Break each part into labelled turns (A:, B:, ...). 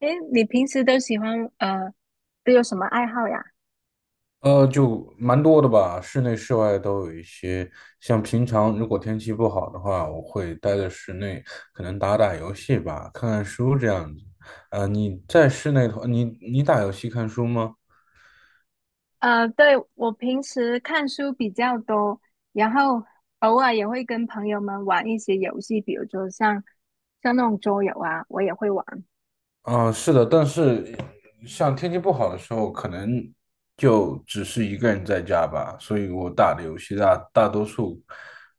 A: 诶，你平时都喜欢都有什么爱好呀？
B: 就蛮多的吧，室内室外都有一些。像平常如果天气不好的话，我会待在室内，可能打打游戏吧，看看书这样子。你在室内的话，你打游戏看书吗？
A: 对，我平时看书比较多，然后偶尔也会跟朋友们玩一些游戏，比如说像那种桌游啊，我也会玩。
B: 嗯，是的，但是像天气不好的时候，可能就只是一个人在家吧，所以我打的游戏大多数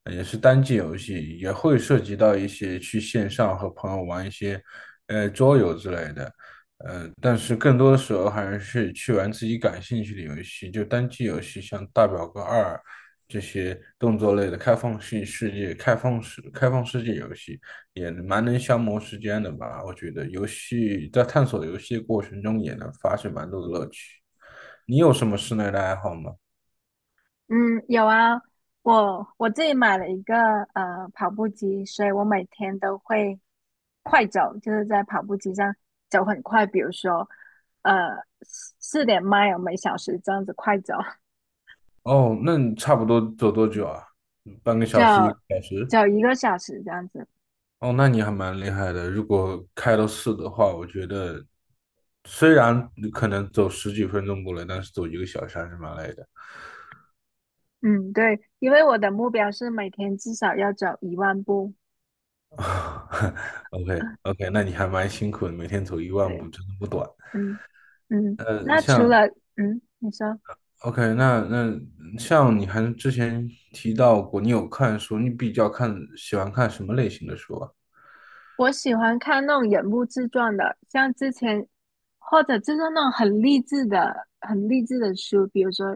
B: 也是单机游戏，也会涉及到一些去线上和朋友玩一些桌游之类的，但是更多的时候还是去玩自己感兴趣的游戏，就单机游戏，像《大表哥二》这些动作类的开放世界游戏。也蛮能消磨时间的吧。我觉得游戏在探索游戏的过程中也能发现蛮多的乐趣。你有什么室内的爱好吗？
A: 嗯，有啊，我自己买了一个跑步机，所以我每天都会快走，就是在跑步机上走很快，比如说呃四点 mile 每小时这样子快走。
B: 哦，那你差不多走多久啊？半个
A: 就
B: 小时，一个小时？
A: 走一个小时这样子。
B: 哦，那你还蛮厉害的。如果开到四的话，我觉得虽然你可能走十几分钟过来，但是走一个小时还是蛮累的。
A: 嗯，对，因为我的目标是每天至少要走1万步。
B: OK OK，那你还蛮辛苦的，每天走一万
A: 对，
B: 步真的不短。
A: 嗯嗯，
B: 呃，
A: 那除
B: 像
A: 了嗯，你说，
B: OK，那像你还之前提到过，你有看书，你比较喜欢看什么类型的书啊？
A: 我喜欢看那种人物自传的，像之前或者就是那种很励志的、很励志的书，比如说，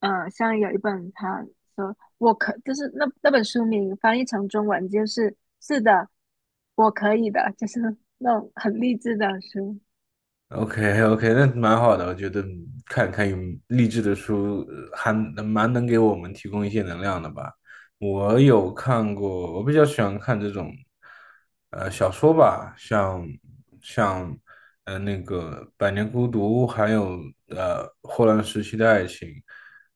A: 像有一本他说我可就是那本书名翻译成中文就是是的，我可以的，就是那种很励志的书。
B: OK OK，那蛮好的，我觉得看看有励志的书，还蛮能给我们提供一些能量的吧。我有看过，我比较喜欢看这种，小说吧，像那个《百年孤独》，还有《霍乱时期的爱情》，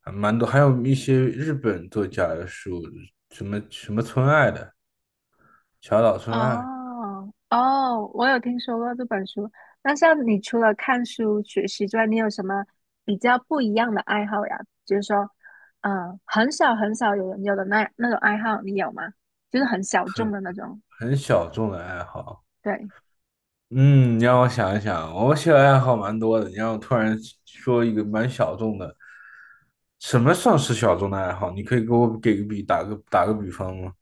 B: 还蛮多，还有一些日本作家的书，什么什么村爱的，小岛村爱，
A: 哦哦，我有听说过这本书。那像你除了看书学习之外，你有什么比较不一样的爱好呀？就是说，很少很少有人有的那种爱好，你有吗？就是很小众的那种，
B: 很小众的爱好。
A: 对，
B: 嗯，你让我想一想，我兴趣爱好蛮多的。你让我突然说一个蛮小众的，什么算是小众的爱好？你可以给我给个比，打个比方吗？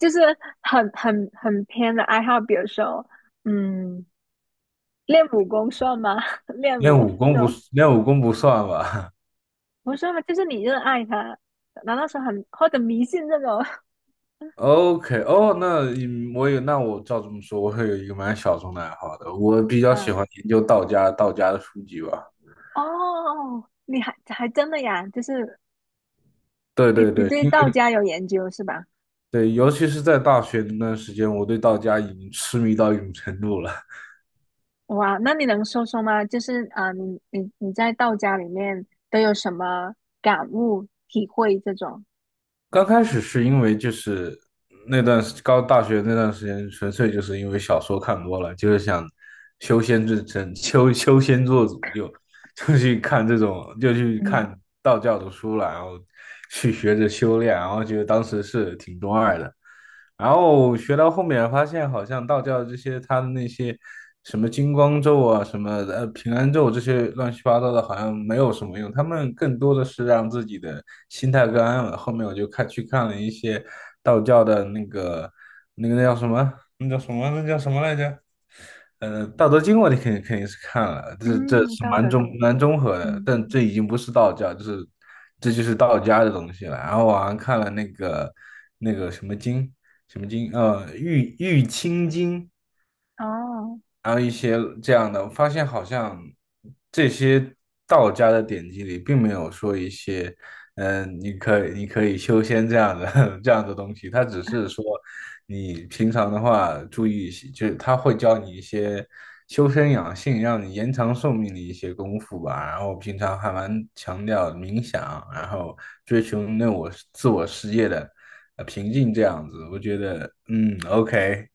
A: 就是很很很偏的爱好，比如说，嗯，练武功算吗？练
B: 练
A: 武
B: 武功
A: 这
B: 不，
A: 种
B: 练武功不算吧
A: 不是吗？就是你热爱它，难道说很或者迷信这种？
B: ？OK，哦，那我照这么说，我会有一个蛮小众的爱好的。我比 较喜
A: 嗯，
B: 欢研究道家的书籍吧。
A: 哦，你还还真的呀？就是
B: 对
A: 你
B: 对
A: 你
B: 对，
A: 对道家有研究是吧？
B: 对，尤其是在大学那段时间，我对道家已经痴迷到一种程度了。
A: 哇，那你能说说吗？就是啊、呃你在道家里面都有什么感悟、体会这种？
B: 刚开始是因为就是那段时高大学那段时间，纯粹就是因为小说看多了，就是想修仙之成修修仙做主就，就去看这种，就去
A: 嗯
B: 看道教的书了，然后去学着修炼，然后觉得当时是挺中二的。然后学到后面发现，好像道教这些他的那些什么金光咒啊、什么平安咒这些乱七八糟的，好像没有什么用。他们更多的是让自己的心态更安稳。后面我就去看了一些道教的那个那个那叫什么来着？《道德经》我肯定是看了，这
A: 嗯，
B: 是
A: 道德经，
B: 蛮综合的，
A: 嗯
B: 但这已经不是道教，这就是道家的东西了。然后我还看了那个什么经，玉清经，
A: 哦，
B: 然后一些这样的，我发现好像这些道家的典籍里，并没有说一些，你可以修仙这样的 这样的东西，它只是说你平常的话注意一些就是他会教你一些修身养性，让你延长寿命的一些功夫吧。然后平常还蛮强调冥想，然后追求那我自我世界的平静这样子，我觉得，嗯，OK。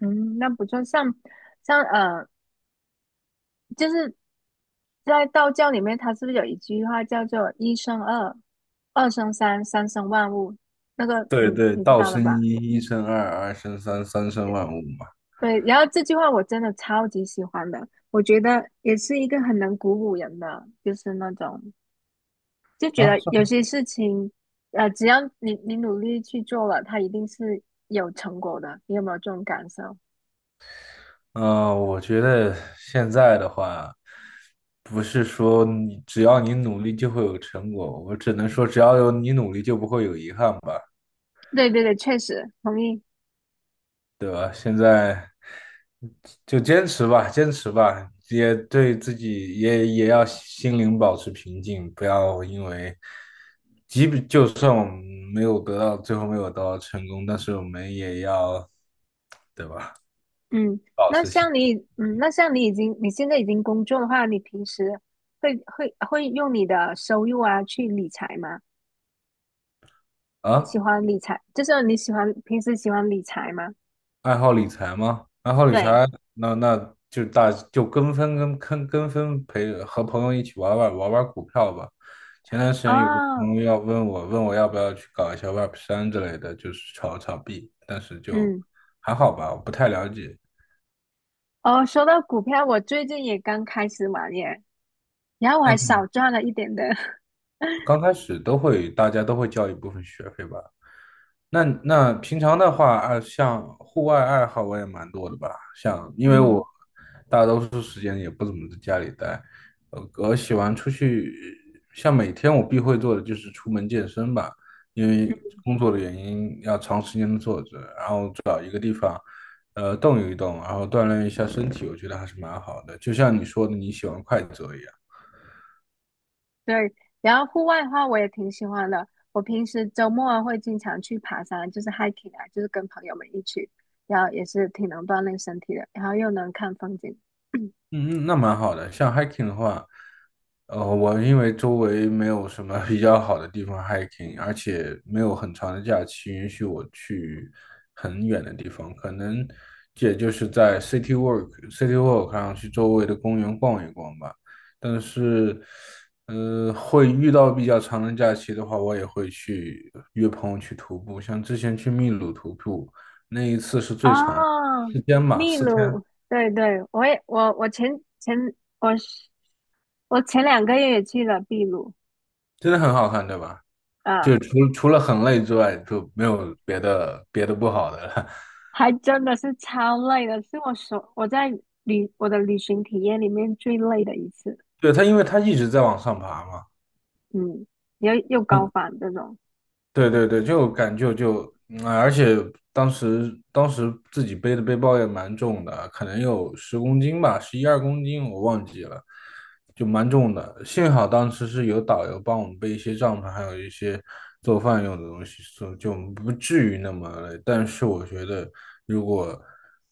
A: 嗯，那不错。像就是在道教里面，它是不是有一句话叫做“一生二，二生三，三生万物”？那个你
B: 对对，
A: 你知
B: 道
A: 道的
B: 生
A: 吧？
B: 一，一生二，二生三，三生万物嘛。
A: 对，然后这句话我真的超级喜欢的，我觉得也是一个很能鼓舞人的，就是那种就觉
B: 啊，
A: 得
B: 是。
A: 有些事情，只要你努力去做了，它一定是有成果的。你有没有这种感受？
B: 嗯、我觉得现在的话，不是说你只要你努力就会有成果，我只能说只要有你努力就不会有遗憾吧，
A: 对对对，确实同意。
B: 对吧？现在就坚持吧，坚持吧，也对自己也要心灵保持平静，不要因为，即便就算我们没有得到，最后没有得到成功，但是我们也要，对吧？
A: 嗯，
B: 保
A: 那
B: 持兴
A: 像你，嗯，那像你已经你现在已经工作的话，你平时会用你的收入啊去理财吗？你
B: 啊，
A: 喜欢理财，就是你喜欢平时喜欢理财吗？
B: 爱好理财吗？爱好理
A: 对，
B: 财，那就跟风和朋友一起玩股票吧。前段时间有个
A: 哦，
B: 朋友要问我，问我要不要去搞一下 Web3之类的，就是炒币，但是就
A: 嗯。
B: 还好吧，我不太了解。
A: 哦，说到股票，我最近也刚开始玩耶，然后我还
B: 嗯，
A: 少赚了一点的，
B: 刚开始大家都会交一部分学费吧，那平常的话，啊，像户外爱好我也蛮多的吧，像因为我
A: 嗯，
B: 大多数时间也不怎么在家里待，我喜欢出去，像每天我必会做的就是出门健身吧，因为工作的原因要长时间的坐着，然后动一动，然后锻炼一下身体，我觉得还是蛮好的。就像你说的，你喜欢快走一样。
A: 对。然后户外的话，我也挺喜欢的。我平时周末啊会经常去爬山，就是 hiking 啊，就是跟朋友们一起，然后也是挺能锻炼身体的，然后又能看风景。
B: 嗯，那蛮好的。像 hiking 的话，我因为周围没有什么比较好的地方 hiking，而且没有很长的假期允许我去很远的地方，可能也就是在 city walk 上去周围的公园逛一逛吧。但是，会遇到比较长的假期的话，我也会去约朋友去徒步。像之前去秘鲁徒步，那一次是
A: 哦，
B: 最长，四天吧，
A: 秘
B: 四天，
A: 鲁，对对，我也我我前前我是我前2个月也去了秘鲁，
B: 真的很好看，对吧？
A: 啊。
B: 就除了很累之外，就没有别的别的不好的了。
A: 还真的是超累的，是我所我在旅我的旅行体验里面最累的一次。
B: 对，他，因为他一直在往上爬嘛。
A: 嗯，又高
B: 嗯
A: 反这种，
B: 对对对，就感觉就，嗯，而且当时自己背的背包也蛮重的，可能有10公斤吧，11、12公斤我忘记了，就蛮重的。幸好当时是有导游帮我们背一些帐篷，还有一些做饭用的东西，所以就不至于那么累。但是我觉得，如果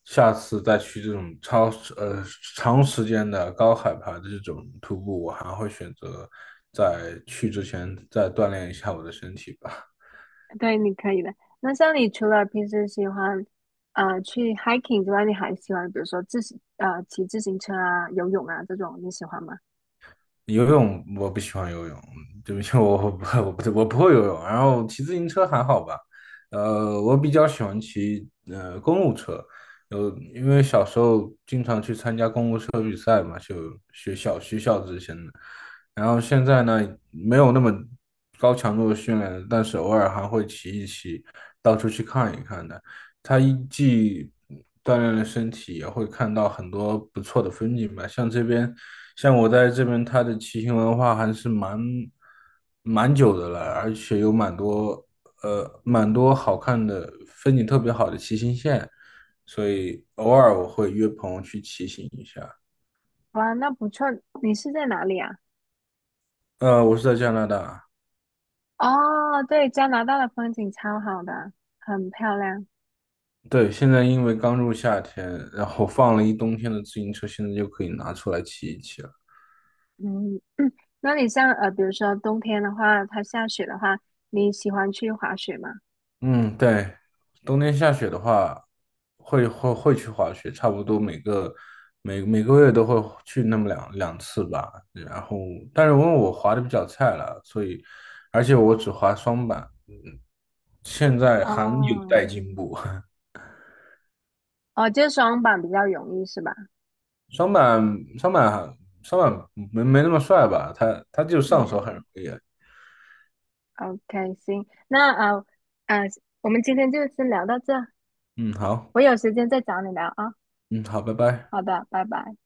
B: 下次再去这种超呃长时间的高海拔的这种徒步，我还会选择在去之前再锻炼一下我的身体吧。
A: 对，你可以的。那像你除了平时喜欢去 hiking 之外，你还喜欢比如说骑自行车啊、游泳啊这种，你喜欢吗？
B: 游泳我不喜欢游泳，对不起，我不会游泳。然后骑自行车还好吧，我比较喜欢骑公路车，因为小时候参加公路车比赛嘛，就学校之前的。然后现在呢，没有那么高强度的训练了但是偶尔还会骑一骑，到处去看一看的。他既锻炼了身体，也会看到很多不错的风景吧。像我在这边，它的骑行文化还是蛮久的了，而且有蛮多好看的风景特别好的骑行线。所以偶尔我会约朋友去骑行一下。
A: 哇，那不错。你是在哪里啊？
B: 我是在加拿大，
A: 哦，对，加拿大的风景超好的，很漂亮。
B: 对，现在因为刚入夏天，然后放了一冬天的自行车，现在就可以拿出来骑一骑了。
A: 嗯，那你像呃，比如说冬天的话，它下雪的话，你喜欢去滑雪吗？
B: 嗯，对，冬天下雪的话，会去滑雪，差不多每个月都会去那么两次吧。然后，但是因为我滑的比较菜了，所以而且我只滑双板，嗯，现在还有
A: 哦，
B: 待进步。
A: 哦，就是双板比较容易是吧？
B: 双板双板双板没那么帅吧？他就上手
A: 嗯
B: 很容易。
A: ，OK，行，那呃，我们今天就先聊到这，
B: 嗯，好，
A: 我有时间再找你聊啊。
B: 嗯，好，拜拜。
A: 好的，拜拜。